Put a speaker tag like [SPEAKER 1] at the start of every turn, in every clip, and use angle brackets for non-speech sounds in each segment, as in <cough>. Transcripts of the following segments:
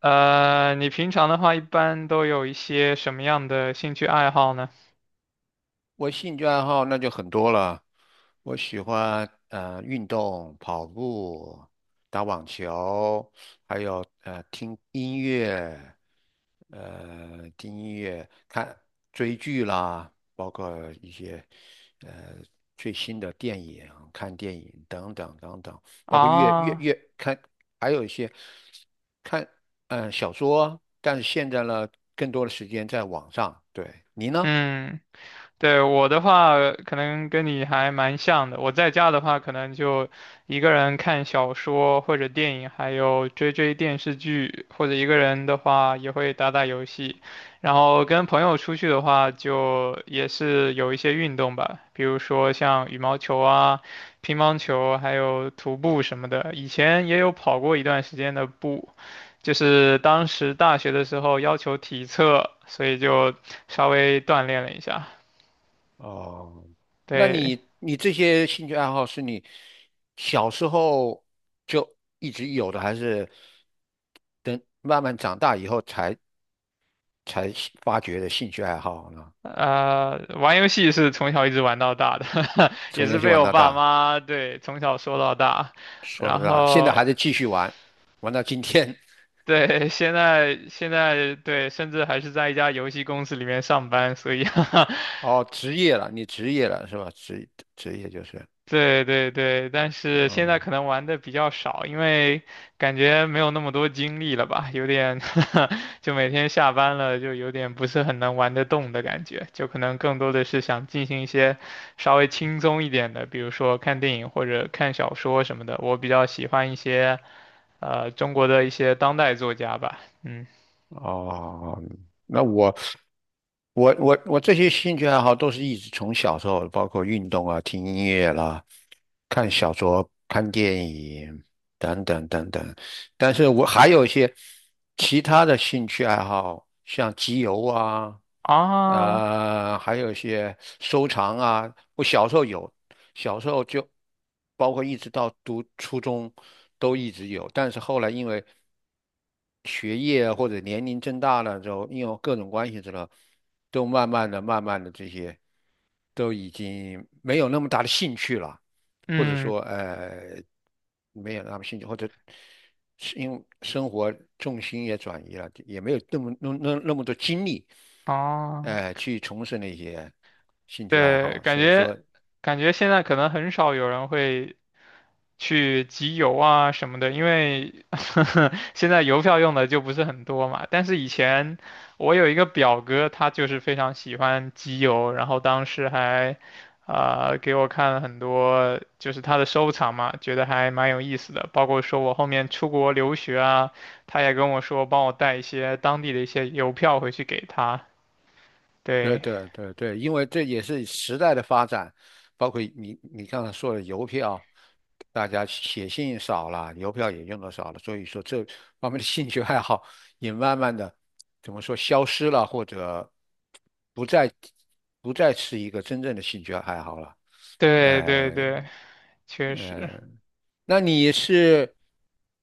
[SPEAKER 1] 你平常的话一般都有一些什么样的兴趣爱好呢？
[SPEAKER 2] 我兴趣爱好那就很多了，我喜欢运动、跑步、打网球，还有听音乐，看追剧啦，包括一些呃最新的电影、看电影等等等等，包括阅阅
[SPEAKER 1] 啊，
[SPEAKER 2] 阅看，还有一些看小说，但是现在呢，更多的时间在网上。对，你呢？
[SPEAKER 1] 嗯，对，我的话，可能跟你还蛮像的。我在家的话，可能就一个人看小说或者电影，还有追追电视剧，或者一个人的话也会打打游戏。然后跟朋友出去的话，就也是有一些运动吧，比如说像羽毛球啊、乒乓球，还有徒步什么的。以前也有跑过一段时间的步，就是当时大学的时候要求体测，所以就稍微锻炼了一下。
[SPEAKER 2] 哦，那
[SPEAKER 1] 对，
[SPEAKER 2] 你这些兴趣爱好是你小时候就一直有的，还是等慢慢长大以后才发掘的兴趣爱好呢？
[SPEAKER 1] 玩游戏是从小一直玩到大的，<laughs> 也
[SPEAKER 2] 从
[SPEAKER 1] 是
[SPEAKER 2] 游戏
[SPEAKER 1] 被
[SPEAKER 2] 玩
[SPEAKER 1] 我
[SPEAKER 2] 到
[SPEAKER 1] 爸
[SPEAKER 2] 大，
[SPEAKER 1] 妈对从小说到大，
[SPEAKER 2] 说了
[SPEAKER 1] 然
[SPEAKER 2] 大，现在还
[SPEAKER 1] 后
[SPEAKER 2] 在继续玩，玩到今天。
[SPEAKER 1] 对现在对，甚至还是在一家游戏公司里面上班，所以 <laughs>
[SPEAKER 2] <laughs> 哦，职业了，你职业了是吧？职业就是，
[SPEAKER 1] 对对对，但是现在
[SPEAKER 2] 嗯。
[SPEAKER 1] 可能玩的比较少，因为感觉没有那么多精力了吧，有点 <laughs> 就每天下班了就有点不是很能玩得动的感觉，就可能更多的是想进行一些稍微轻松一点的，比如说看电影或者看小说什么的。我比较喜欢一些中国的一些当代作家吧，嗯
[SPEAKER 2] 哦，那我这些兴趣爱好都是一直从小时候，包括运动啊、听音乐啦、看小说、看电影等等等等。但是我还有一些其他的兴趣爱好，像集邮啊，
[SPEAKER 1] 啊
[SPEAKER 2] 啊、还有一些收藏啊。我小时候有，小时候就包括一直到读初中都一直有，但是后来因为学业或者年龄增大了之后，因为各种关系之后，都慢慢的、慢慢的这些都已经没有那么大的兴趣了。或者
[SPEAKER 1] 嗯
[SPEAKER 2] 说没有那么兴趣，或者是因为生活重心也转移了，也没有那么多精力，
[SPEAKER 1] 啊。
[SPEAKER 2] 去从事那些兴趣爱
[SPEAKER 1] 对，
[SPEAKER 2] 好，
[SPEAKER 1] 感
[SPEAKER 2] 所以
[SPEAKER 1] 觉
[SPEAKER 2] 说。
[SPEAKER 1] 现在可能很少有人会去集邮啊什么的，因为 <laughs> 现在邮票用的就不是很多嘛。但是以前我有一个表哥，他就是非常喜欢集邮，然后当时还给我看了很多就是他的收藏嘛，觉得还蛮有意思的。包括说我后面出国留学啊，他也跟我说帮我带一些当地的一些邮票回去给他。
[SPEAKER 2] 对
[SPEAKER 1] 对，
[SPEAKER 2] 对对对，因为这也是时代的发展，包括你刚才说的邮票，大家写信少了，邮票也用的少了，所以说这方面的兴趣 <laughs> 爱好也慢慢的怎么说消失了，或者不再不再是一个真正的兴趣爱好了。
[SPEAKER 1] 对对
[SPEAKER 2] 呃
[SPEAKER 1] 对，确实，
[SPEAKER 2] 呃，那你是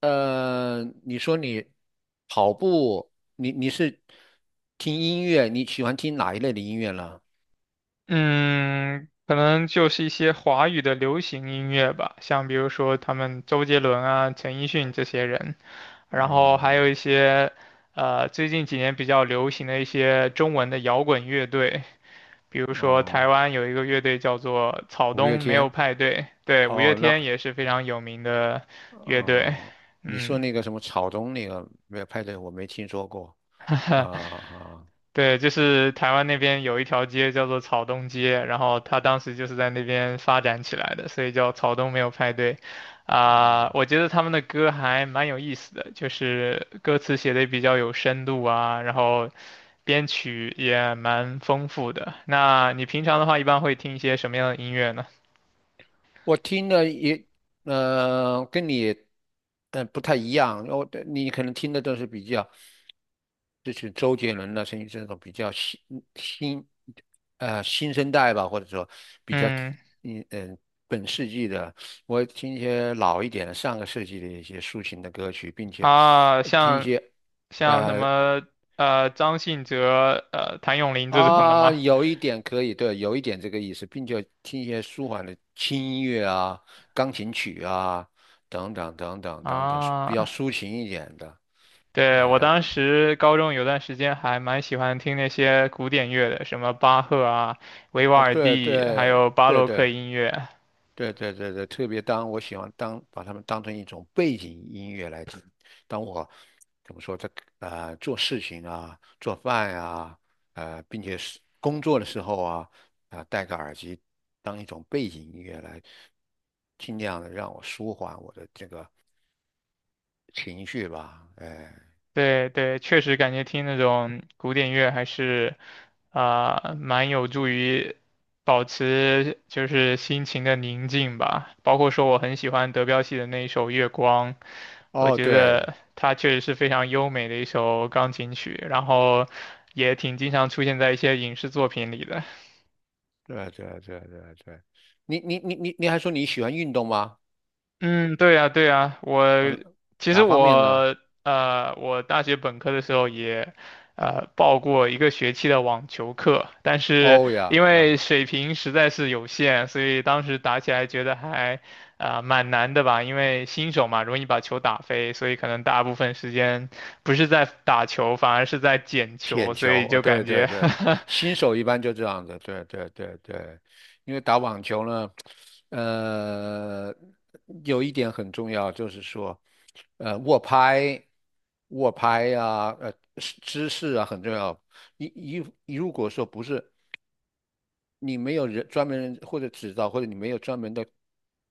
[SPEAKER 2] 呃，你说你跑步，你是听音乐，你喜欢听哪一类的音乐呢？
[SPEAKER 1] 嗯，可能就是一些华语的流行音乐吧，像比如说他们周杰伦啊、陈奕迅这些人，然后还
[SPEAKER 2] 哦
[SPEAKER 1] 有一些最近几年比较流行的一些中文的摇滚乐队，比如说
[SPEAKER 2] 哦，
[SPEAKER 1] 台湾有一个乐队叫做草
[SPEAKER 2] 五月
[SPEAKER 1] 东没有
[SPEAKER 2] 天。
[SPEAKER 1] 派对，对，五月
[SPEAKER 2] 哦，那
[SPEAKER 1] 天也是非常有名的乐队，
[SPEAKER 2] 哦，你说
[SPEAKER 1] 嗯。
[SPEAKER 2] 那个什么草东那个没有派对，我没听说过。啊
[SPEAKER 1] <laughs>
[SPEAKER 2] 啊。
[SPEAKER 1] 对，就是台湾那边有一条街叫做草东街，然后他当时就是在那边发展起来的，所以叫草东没有派对。啊、
[SPEAKER 2] 哦，
[SPEAKER 1] 我觉得他们的歌还蛮有意思的，就是歌词写的比较有深度啊，然后编曲也蛮丰富的。那你平常的话，一般会听一些什么样的音乐呢？
[SPEAKER 2] 我听的也，跟你，不太一样。你可能听的都是比较，就是周杰伦的声音，这种比较新，新生代吧，或者说比较，
[SPEAKER 1] 嗯，
[SPEAKER 2] 嗯嗯，本世纪的。我听一些老一点的，上个世纪的一些抒情的歌曲，并且
[SPEAKER 1] 啊，
[SPEAKER 2] 听一
[SPEAKER 1] 像
[SPEAKER 2] 些，
[SPEAKER 1] 什
[SPEAKER 2] 呃。
[SPEAKER 1] 么张信哲、谭咏麟这种的
[SPEAKER 2] 啊，
[SPEAKER 1] 吗？
[SPEAKER 2] 有一点可以，对，有一点这个意思，并且听一些舒缓的轻音乐啊、钢琴曲啊等等等
[SPEAKER 1] <laughs>
[SPEAKER 2] 等等等，比较
[SPEAKER 1] 啊，
[SPEAKER 2] 抒情一点的。
[SPEAKER 1] 对，我当时高中有段时间还蛮喜欢听那些古典乐的，什么巴赫啊、维瓦
[SPEAKER 2] 啊，
[SPEAKER 1] 尔
[SPEAKER 2] 对
[SPEAKER 1] 第，还
[SPEAKER 2] 对
[SPEAKER 1] 有巴
[SPEAKER 2] 对
[SPEAKER 1] 洛克
[SPEAKER 2] 对，
[SPEAKER 1] 音乐。
[SPEAKER 2] 对对对对，特别当我喜欢当把它们当成一种背景音乐来听。当我怎么说在做事情啊、做饭啊、并且是工作的时候啊，啊、戴个耳机当一种背景音乐来，尽量的让我舒缓我的这个情绪吧。哎，
[SPEAKER 1] 对对，确实感觉听那种古典乐还是啊、蛮有助于保持就是心情的宁静吧。包括说我很喜欢德彪西的那一首《月光》，我
[SPEAKER 2] 哦，
[SPEAKER 1] 觉
[SPEAKER 2] 对
[SPEAKER 1] 得它确实是非常优美的一首钢琴曲，然后也挺经常出现在一些影视作品里的。
[SPEAKER 2] 对对对对对，你还说你喜欢运动吗？
[SPEAKER 1] 嗯，对呀，对呀，我
[SPEAKER 2] 嗯，
[SPEAKER 1] 其实
[SPEAKER 2] 哪方面呢？
[SPEAKER 1] 我我大学本科的时候也报过一个学期的网球课，但是
[SPEAKER 2] 哦
[SPEAKER 1] 因
[SPEAKER 2] 呀，
[SPEAKER 1] 为
[SPEAKER 2] 那。
[SPEAKER 1] 水平实在是有限，所以当时打起来觉得还啊、蛮难的吧，因为新手嘛，容易把球打飞，所以可能大部分时间不是在打球，反而是在捡球，
[SPEAKER 2] 舔
[SPEAKER 1] 所
[SPEAKER 2] 球，
[SPEAKER 1] 以
[SPEAKER 2] 哦，
[SPEAKER 1] 就
[SPEAKER 2] 对
[SPEAKER 1] 感
[SPEAKER 2] 对
[SPEAKER 1] 觉
[SPEAKER 2] 对，新手一般就这样子，对对对对，因为打网球呢，呃，有一点很重要，就是说，呃，握拍、握拍，姿势啊很重要。你你你如果说不是你没有人专门人或者指导，或者你没有专门的，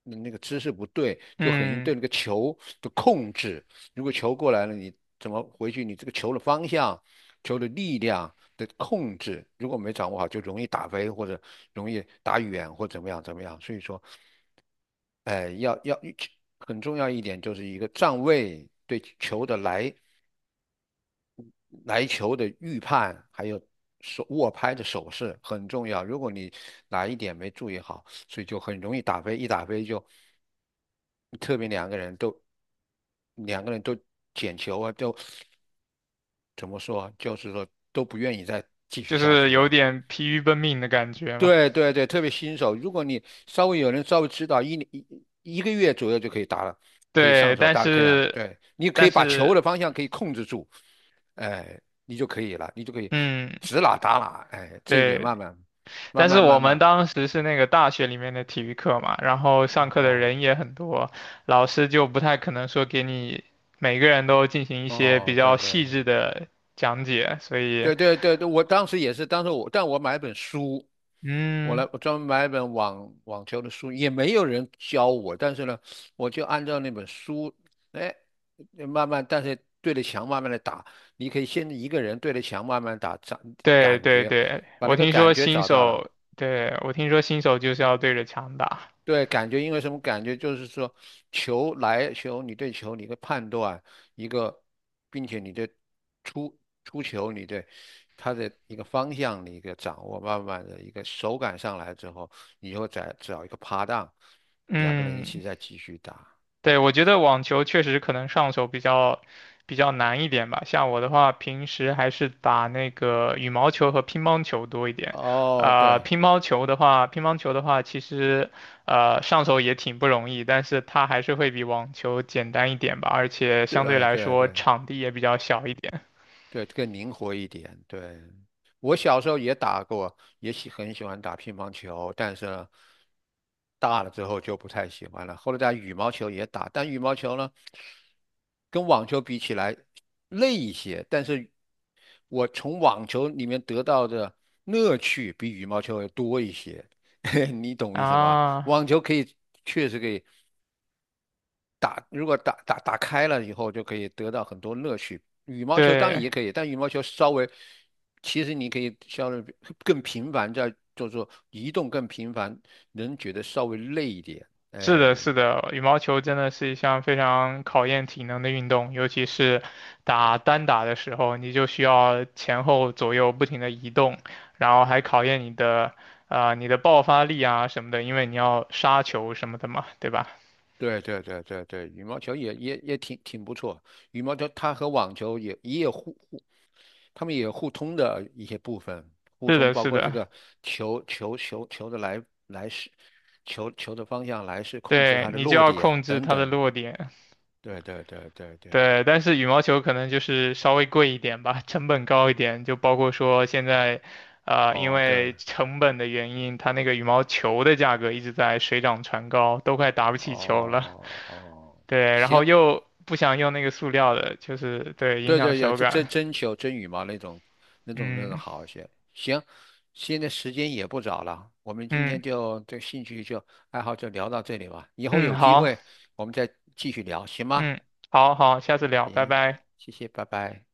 [SPEAKER 2] 那个姿势不对，
[SPEAKER 1] <laughs>
[SPEAKER 2] 就很易
[SPEAKER 1] 嗯，
[SPEAKER 2] 对那个球的控制。如果球过来了，你怎么回去？你这个球的方向、球的力量的控制，如果没掌握好，就容易打飞或者容易打远或怎么样怎么样。所以说，哎、要很重要一点就是一个站位对球的来球的预判，还有手握拍的手势很重要。如果你哪一点没注意好，所以就很容易打飞，一打飞就特别两个人都捡球啊，就怎么说啊，就是说都不愿意再继续
[SPEAKER 1] 就
[SPEAKER 2] 下
[SPEAKER 1] 是
[SPEAKER 2] 去
[SPEAKER 1] 有
[SPEAKER 2] 了。
[SPEAKER 1] 点疲于奔命的感觉嘛。
[SPEAKER 2] 对对对，特别新手，如果你稍微有人稍微指导，一年一一个月左右就可以打了，可以
[SPEAKER 1] 对，
[SPEAKER 2] 上手
[SPEAKER 1] 但
[SPEAKER 2] 打得可以啊。
[SPEAKER 1] 是，
[SPEAKER 2] 对，你可
[SPEAKER 1] 但
[SPEAKER 2] 以把球
[SPEAKER 1] 是，
[SPEAKER 2] 的方向可以控制住，哎，你就可以了，你就可以
[SPEAKER 1] 嗯，
[SPEAKER 2] 指哪打哪，哎，这一点
[SPEAKER 1] 对，
[SPEAKER 2] 慢慢慢
[SPEAKER 1] 但是
[SPEAKER 2] 慢
[SPEAKER 1] 我
[SPEAKER 2] 慢
[SPEAKER 1] 们
[SPEAKER 2] 慢，
[SPEAKER 1] 当时是那个大学里面的体育课嘛，然后上课的
[SPEAKER 2] 哦
[SPEAKER 1] 人也很多，老师就不太可能说给你每个人都进行一些比
[SPEAKER 2] 哦，
[SPEAKER 1] 较
[SPEAKER 2] 对对
[SPEAKER 1] 细
[SPEAKER 2] 对
[SPEAKER 1] 致的讲解，所以，
[SPEAKER 2] 对对对对，我当时也是，当时我但我买了本书，我来，
[SPEAKER 1] 嗯，
[SPEAKER 2] 我专门买一本网球的书，也没有人教我，但是呢，我就按照那本书，哎，慢慢，但是对着墙慢慢的打，你可以先一个人对着墙慢慢打，找
[SPEAKER 1] 对
[SPEAKER 2] 感
[SPEAKER 1] 对
[SPEAKER 2] 觉，
[SPEAKER 1] 对，
[SPEAKER 2] 把那
[SPEAKER 1] 我
[SPEAKER 2] 个
[SPEAKER 1] 听
[SPEAKER 2] 感
[SPEAKER 1] 说
[SPEAKER 2] 觉
[SPEAKER 1] 新
[SPEAKER 2] 找到了，
[SPEAKER 1] 手，对，我听说新手就是要对着墙打，
[SPEAKER 2] 对，感觉因为什么？感觉就是说，球来球，你对球你的判断一个，并且你对出出球你对它的一个方向的一个掌握，慢慢的一个手感上来之后，你又再找一个趴档，两个人一起
[SPEAKER 1] 嗯，
[SPEAKER 2] 再继续打。
[SPEAKER 1] 对，我觉得网球确实可能上手比较难一点吧。像我的话，平时还是打那个羽毛球和乒乓球多一点。
[SPEAKER 2] 哦，对
[SPEAKER 1] 乒乓球的话，其实上手也挺不容易，但是它还是会比网球简单一点吧，而且相对
[SPEAKER 2] 对
[SPEAKER 1] 来
[SPEAKER 2] 对
[SPEAKER 1] 说
[SPEAKER 2] 对，
[SPEAKER 1] 场地也比较小一点。
[SPEAKER 2] 对，更灵活一点。对，我小时候也打过，也很喜欢打乒乓球，但是呢大了之后就不太喜欢了。后来打羽毛球也打，但羽毛球呢，跟网球比起来累一些，但是我从网球里面得到的乐趣比羽毛球要多一些。<laughs> 你懂意思吗？
[SPEAKER 1] 啊，
[SPEAKER 2] 网球可以确实可以打，如果打开了以后，就可以得到很多乐趣。羽毛球当然
[SPEAKER 1] 对。
[SPEAKER 2] 也可以，但羽毛球稍微，其实你可以稍微更频繁，在就是说移动更频繁，能觉得稍微累一点。
[SPEAKER 1] 是
[SPEAKER 2] 哎，
[SPEAKER 1] 的，是的，羽毛球真的是一项非常考验体能的运动，尤其是打单打的时候，你就需要前后左右不停的移动，然后还考验你的啊、你的爆发力啊什么的，因为你要杀球什么的嘛，对吧？
[SPEAKER 2] 对对对对对，羽毛球也挺不错。羽毛球它和网球也也有互互，他们也有互通的一些部分，互
[SPEAKER 1] 是
[SPEAKER 2] 通
[SPEAKER 1] 的，
[SPEAKER 2] 包
[SPEAKER 1] 是
[SPEAKER 2] 括这
[SPEAKER 1] 的，
[SPEAKER 2] 个球的来势，球的方向来势，控制
[SPEAKER 1] 对，
[SPEAKER 2] 它的
[SPEAKER 1] 你就
[SPEAKER 2] 落
[SPEAKER 1] 要
[SPEAKER 2] 点
[SPEAKER 1] 控制
[SPEAKER 2] 等
[SPEAKER 1] 它的
[SPEAKER 2] 等。
[SPEAKER 1] 落点。
[SPEAKER 2] 对对对对对，
[SPEAKER 1] 对，但是羽毛球可能就是稍微贵一点吧，成本高一点，就包括说现在，因
[SPEAKER 2] 哦对，
[SPEAKER 1] 为成本的原因，它那个羽毛球的价格一直在水涨船高，都快打不起球了。
[SPEAKER 2] 哦哦，
[SPEAKER 1] 对，然
[SPEAKER 2] 行，
[SPEAKER 1] 后又不想用那个塑料的，就是对，影
[SPEAKER 2] 对
[SPEAKER 1] 响
[SPEAKER 2] 对也
[SPEAKER 1] 手
[SPEAKER 2] 这
[SPEAKER 1] 感。
[SPEAKER 2] 真球真羽毛那种那种那种
[SPEAKER 1] 嗯
[SPEAKER 2] 好一些。行，现在时间也不早了，我们今天
[SPEAKER 1] 嗯
[SPEAKER 2] 就这兴趣就爱好就聊到这里吧，以后
[SPEAKER 1] 嗯，
[SPEAKER 2] 有机
[SPEAKER 1] 好，
[SPEAKER 2] 会我们再继续聊，行吗？
[SPEAKER 1] 嗯，好好，下次聊，拜拜。
[SPEAKER 2] 谢谢，拜拜。